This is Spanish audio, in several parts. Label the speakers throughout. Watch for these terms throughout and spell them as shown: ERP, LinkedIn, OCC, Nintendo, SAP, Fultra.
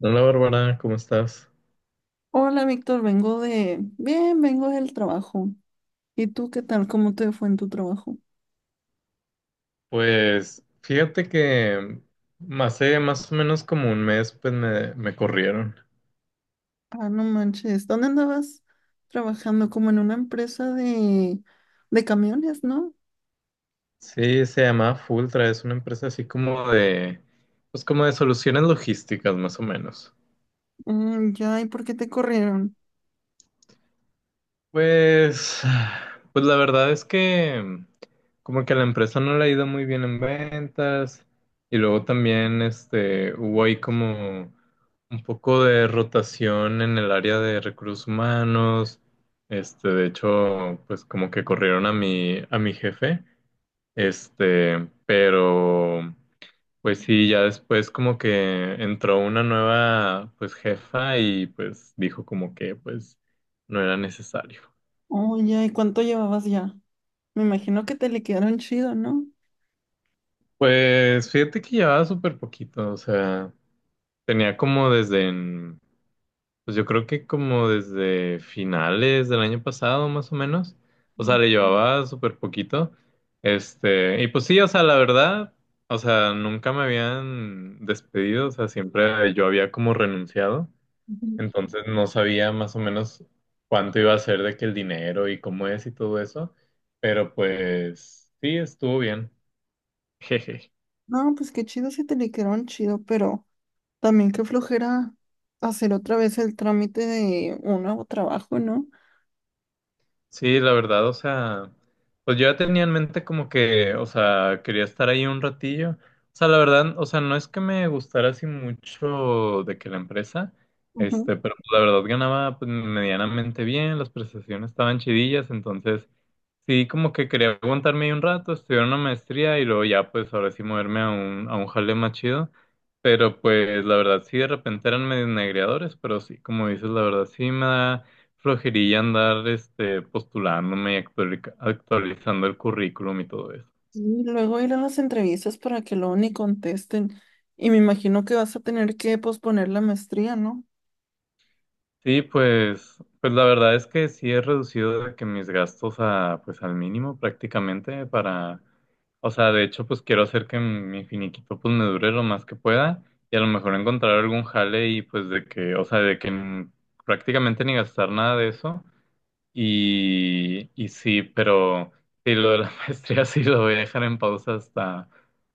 Speaker 1: Hola, Bárbara, ¿cómo estás?
Speaker 2: Hola, Víctor, vengo de... Bien, vengo del trabajo. ¿Y tú qué tal? ¿Cómo te fue en tu trabajo?
Speaker 1: Pues fíjate que hace más o menos como un mes pues me corrieron.
Speaker 2: Ah, no manches. ¿Dónde andabas trabajando? Como en una empresa de camiones, ¿no?
Speaker 1: Sí, se llama Fultra, es una empresa así como de, pues como de soluciones logísticas más o menos.
Speaker 2: Mm, ya, ¿y por qué te corrieron?
Speaker 1: Pues, pues la verdad es que como que a la empresa no le ha ido muy bien en ventas y luego también hubo ahí como un poco de rotación en el área de recursos humanos. De hecho, pues como que corrieron a mi jefe, pero pues sí, ya después como que entró una nueva pues jefa y pues dijo como que pues no era necesario.
Speaker 2: Oh, ya, ¿y cuánto llevabas ya? Me imagino que te liquidaron chido, ¿no?
Speaker 1: Pues fíjate que llevaba súper poquito, o sea, tenía como desde, pues yo creo que como desde finales del año pasado más o menos, o sea, le llevaba súper poquito, y pues sí, o sea, la verdad, o sea, nunca me habían despedido, o sea, siempre yo había como renunciado,
Speaker 2: Ujú.
Speaker 1: entonces no sabía más o menos cuánto iba a ser de que el dinero y cómo es y todo eso, pero pues sí, estuvo bien.
Speaker 2: No, pues qué chido si te liquidaron chido, pero también qué flojera hacer otra vez el trámite de un nuevo trabajo, ¿no?
Speaker 1: Sí, la verdad, o sea, pues yo ya tenía en mente como que, o sea, quería estar ahí un ratillo. O sea, la verdad, o sea, no es que me gustara así mucho de que la empresa, pero la verdad ganaba pues medianamente bien, las prestaciones estaban chidillas, entonces sí, como que quería aguantarme ahí un rato, estudiar una maestría y luego ya, pues ahora sí moverme a un jale más chido. Pero pues la verdad sí, de repente eran medio negreadores, pero sí, como dices, la verdad sí me da flojería andar postulándome y actualizando el currículum y todo eso.
Speaker 2: Y luego ir a las entrevistas para que luego ni contesten. Y me imagino que vas a tener que posponer la maestría, ¿no?
Speaker 1: Sí, pues la verdad es que sí he reducido de que mis gastos a, pues, al mínimo prácticamente para, o sea, de hecho, pues quiero hacer que mi finiquito pues me dure lo más que pueda y a lo mejor encontrar algún jale y pues de que, o sea, prácticamente ni gastar nada de eso. Y sí, pero sí, lo de la maestría sí lo voy a dejar en pausa hasta,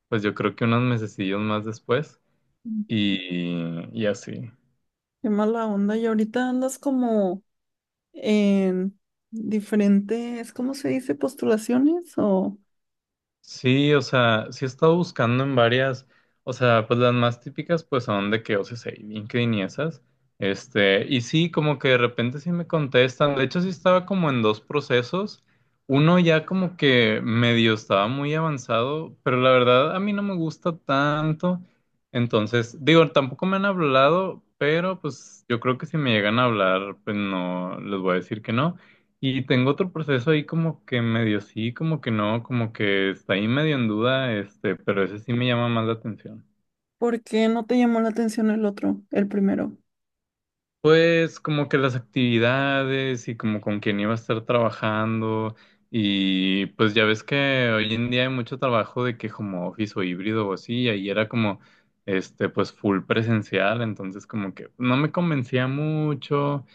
Speaker 1: pues yo creo que unos mesecillos más después
Speaker 2: Mm.
Speaker 1: y así.
Speaker 2: Qué mala onda. Y ahorita andas como en diferentes, ¿cómo se dice? ¿Postulaciones o?
Speaker 1: Sí, o sea, sí he estado buscando en varias, o sea, pues las más típicas pues son de que OCC y LinkedIn y esas, y sí, como que de repente sí me contestan, de hecho sí estaba como en dos procesos, uno ya como que medio estaba muy avanzado, pero la verdad a mí no me gusta tanto, entonces, digo, tampoco me han hablado, pero pues yo creo que si me llegan a hablar, pues no, les voy a decir que no. Y tengo otro proceso ahí como que medio sí, como que no, como que está ahí medio en duda, pero ese sí me llama más la atención.
Speaker 2: ¿Por qué no te llamó la atención el otro, el primero?
Speaker 1: Pues como que las actividades y como con quién iba a estar trabajando, y pues ya ves que hoy en día hay mucho trabajo de que como office o híbrido o así, y ahí era como pues full presencial, entonces como que no me convencía mucho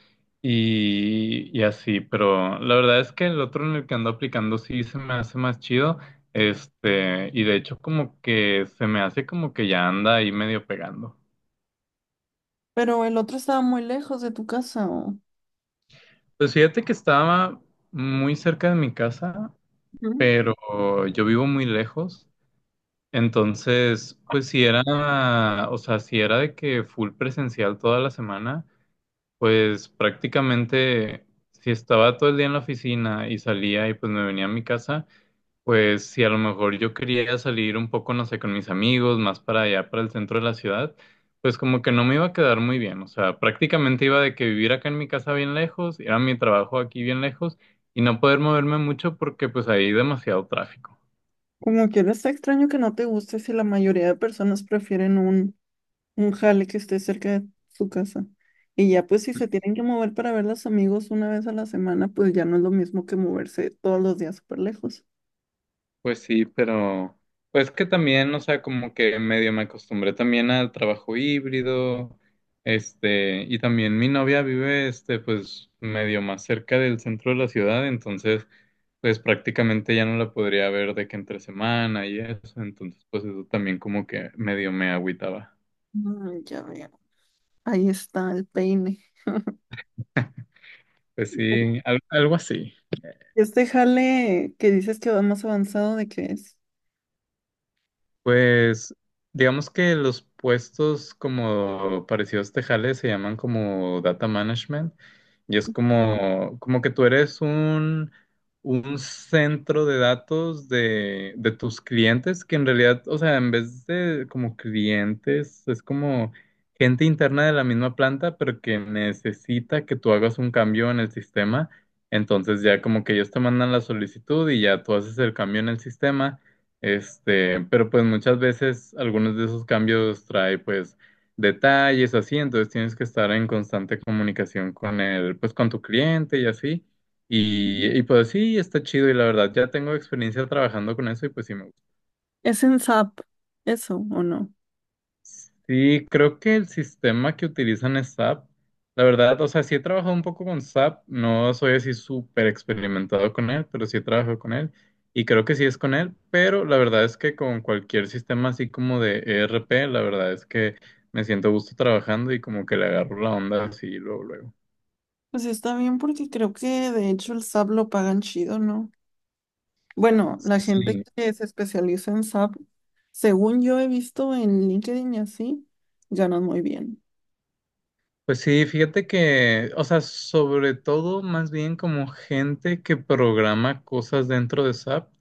Speaker 1: y así, pero la verdad es que el otro en el que ando aplicando sí se me hace más chido, y de hecho como que se me hace como que ya anda ahí medio pegando.
Speaker 2: ¿Pero el otro estaba muy lejos de tu casa o?
Speaker 1: Pues fíjate que estaba muy cerca de mi casa,
Speaker 2: Ujú.
Speaker 1: pero yo vivo muy lejos. Entonces, pues si era, o sea, si era de que full presencial toda la semana, pues prácticamente si estaba todo el día en la oficina y salía y pues me venía a mi casa, pues si a lo mejor yo quería salir un poco, no sé, con mis amigos, más para allá, para el centro de la ciudad, pues como que no me iba a quedar muy bien. O sea, prácticamente iba de que vivir acá en mi casa bien lejos, ir a mi trabajo aquí bien lejos y no poder moverme mucho porque pues hay demasiado tráfico.
Speaker 2: Como quieres, está extraño que no te guste si la mayoría de personas prefieren un jale que esté cerca de su casa. Y ya pues si se tienen que mover para ver a los amigos una vez a la semana, pues ya no es lo mismo que moverse todos los días súper lejos.
Speaker 1: Pues sí, pero pues que también, o sea, como que medio me acostumbré también al trabajo híbrido, y también mi novia vive, pues medio más cerca del centro de la ciudad, entonces pues prácticamente ya no la podría ver de que entre semana y eso, entonces pues eso también como que medio me agüitaba.
Speaker 2: Mm, ya veo. Ahí está el peine.
Speaker 1: Pues sí, algo así.
Speaker 2: Este jale que dices que va más avanzado, ¿de qué es?
Speaker 1: Pues digamos que los puestos como parecidos tejales se llaman como data management, y es como, como que tú eres un centro de datos de tus clientes que en realidad, o sea, en vez de como clientes, es como gente interna de la misma planta, pero que necesita que tú hagas un cambio en el sistema. Entonces ya como que ellos te mandan la solicitud y ya tú haces el cambio en el sistema. Pero pues muchas veces algunos de esos cambios trae pues detalles o así, entonces tienes que estar en constante comunicación con el, pues con tu cliente y así. Y pues sí, está chido y la verdad ya tengo experiencia trabajando con eso y pues sí me gusta.
Speaker 2: ¿Es en SAP eso o no?
Speaker 1: Sí, creo que el sistema que utilizan es SAP. La verdad, o sea, sí he trabajado un poco con SAP, no soy así súper experimentado con él, pero sí he trabajado con él y creo que sí es con él, pero la verdad es que con cualquier sistema así como de ERP, la verdad es que me siento a gusto trabajando y como que le agarro la onda así luego, luego.
Speaker 2: Pues está bien porque creo que de hecho el SAP lo pagan chido, ¿no? Bueno, la gente
Speaker 1: Sí.
Speaker 2: que se especializa en SAP, según yo he visto en LinkedIn y así, ganan muy bien.
Speaker 1: Pues sí, fíjate que, o sea, sobre todo más bien como gente que programa cosas dentro de SAP.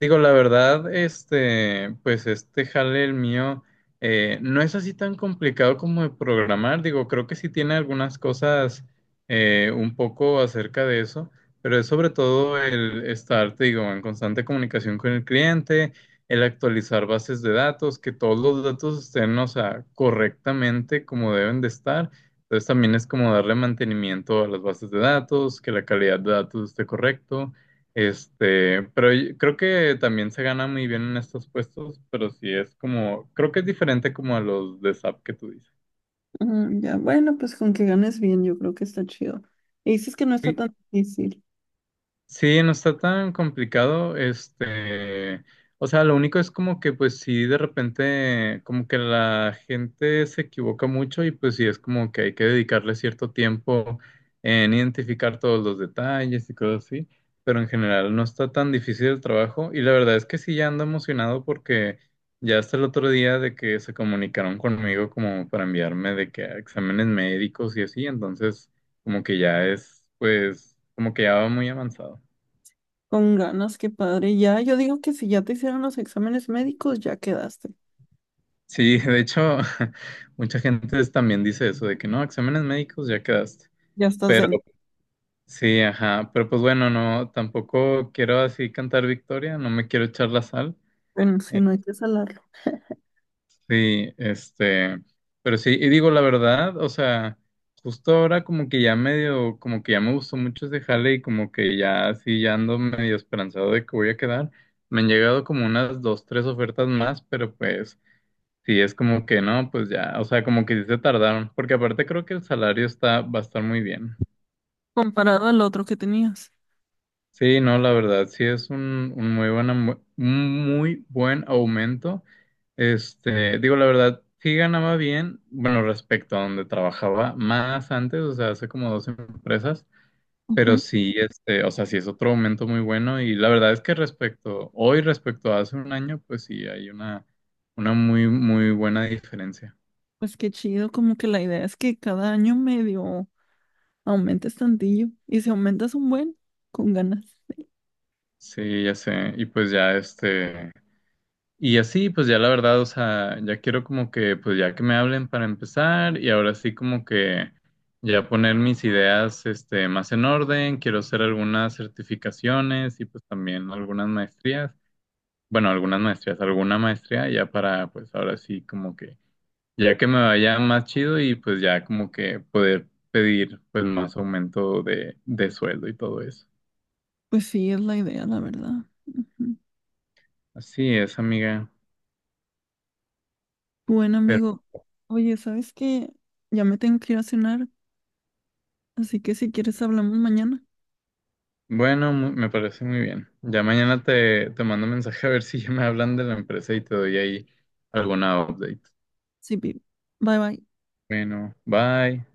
Speaker 1: Digo, la verdad, pues este jale el mío no es así tan complicado como de programar. Digo, creo que sí tiene algunas cosas un poco acerca de eso, pero es sobre todo el estar, te digo, en constante comunicación con el cliente, el actualizar bases de datos, que todos los datos estén, o sea, correctamente como deben de estar. Entonces también es como darle mantenimiento a las bases de datos, que la calidad de datos esté correcto. Pero yo creo que también se gana muy bien en estos puestos, pero sí es como, creo que es diferente como a los de SAP que tú dices.
Speaker 2: Mm, ya, bueno, pues con que ganes bien, yo creo que está chido. Y dices que no está
Speaker 1: Y
Speaker 2: tan difícil.
Speaker 1: sí, no está tan complicado, o sea, lo único es como que pues sí, de repente como que la gente se equivoca mucho y pues sí es como que hay que dedicarle cierto tiempo en identificar todos los detalles y cosas así, pero en general no está tan difícil el trabajo y la verdad es que sí ya ando emocionado porque ya hasta el otro día de que se comunicaron conmigo como para enviarme de que a exámenes médicos y así, entonces como que ya es pues como que ya va muy avanzado.
Speaker 2: Con ganas, qué padre. Ya, yo digo que si ya te hicieron los exámenes médicos, ya quedaste.
Speaker 1: Sí, de hecho, mucha gente también dice eso de que no, exámenes médicos ya quedaste.
Speaker 2: Ya estás
Speaker 1: Pero
Speaker 2: dentro.
Speaker 1: sí, ajá, pero pues bueno, no, tampoco quiero así cantar victoria, no me quiero echar la sal.
Speaker 2: Bueno, si
Speaker 1: Eh,
Speaker 2: no, hay que salarlo.
Speaker 1: Sí, pero sí, y digo la verdad, o sea, justo ahora como que ya medio, como que ya me gustó mucho ese jale y como que ya sí, ya ando medio esperanzado de que voy a quedar. Me han llegado como unas dos, tres ofertas más, pero pues sí, es como que no, pues ya, o sea, como que sí se tardaron, porque aparte creo que el salario está, va a estar muy bien.
Speaker 2: Comparado al otro que tenías.
Speaker 1: Sí, no, la verdad, sí es un muy buen, un muy buen aumento. Digo, la verdad, sí ganaba bien, bueno, respecto a donde trabajaba más antes, o sea, hace como dos empresas, pero
Speaker 2: Ujú.
Speaker 1: sí, o sea, sí es otro aumento muy bueno y la verdad es que respecto, hoy respecto a hace un año, pues sí, hay una muy, muy buena diferencia.
Speaker 2: Pues qué chido, como que la idea es que cada año medio aumentes tantillo. Y si aumentas un buen, con ganas.
Speaker 1: Sí, ya sé. Y pues ya y así, pues ya la verdad, o sea, ya quiero como que, pues ya que me hablen para empezar y ahora sí como que ya poner mis ideas, más en orden. Quiero hacer algunas certificaciones y pues también algunas maestrías. Bueno, algunas maestrías, alguna maestría ya para, pues ahora sí como que, ya que me vaya más chido y pues ya como que poder pedir pues más aumento de sueldo y todo eso.
Speaker 2: Pues sí, es la idea, la verdad. Ujú.
Speaker 1: Así es, amiga.
Speaker 2: Bueno, amigo. Oye, ¿sabes qué? Ya me tengo que ir a cenar, así que si quieres hablamos mañana.
Speaker 1: Bueno, me parece muy bien. Ya mañana te mando un mensaje a ver si ya me hablan de la empresa y te doy ahí alguna update.
Speaker 2: Sí, babe. Bye bye.
Speaker 1: Bueno, bye.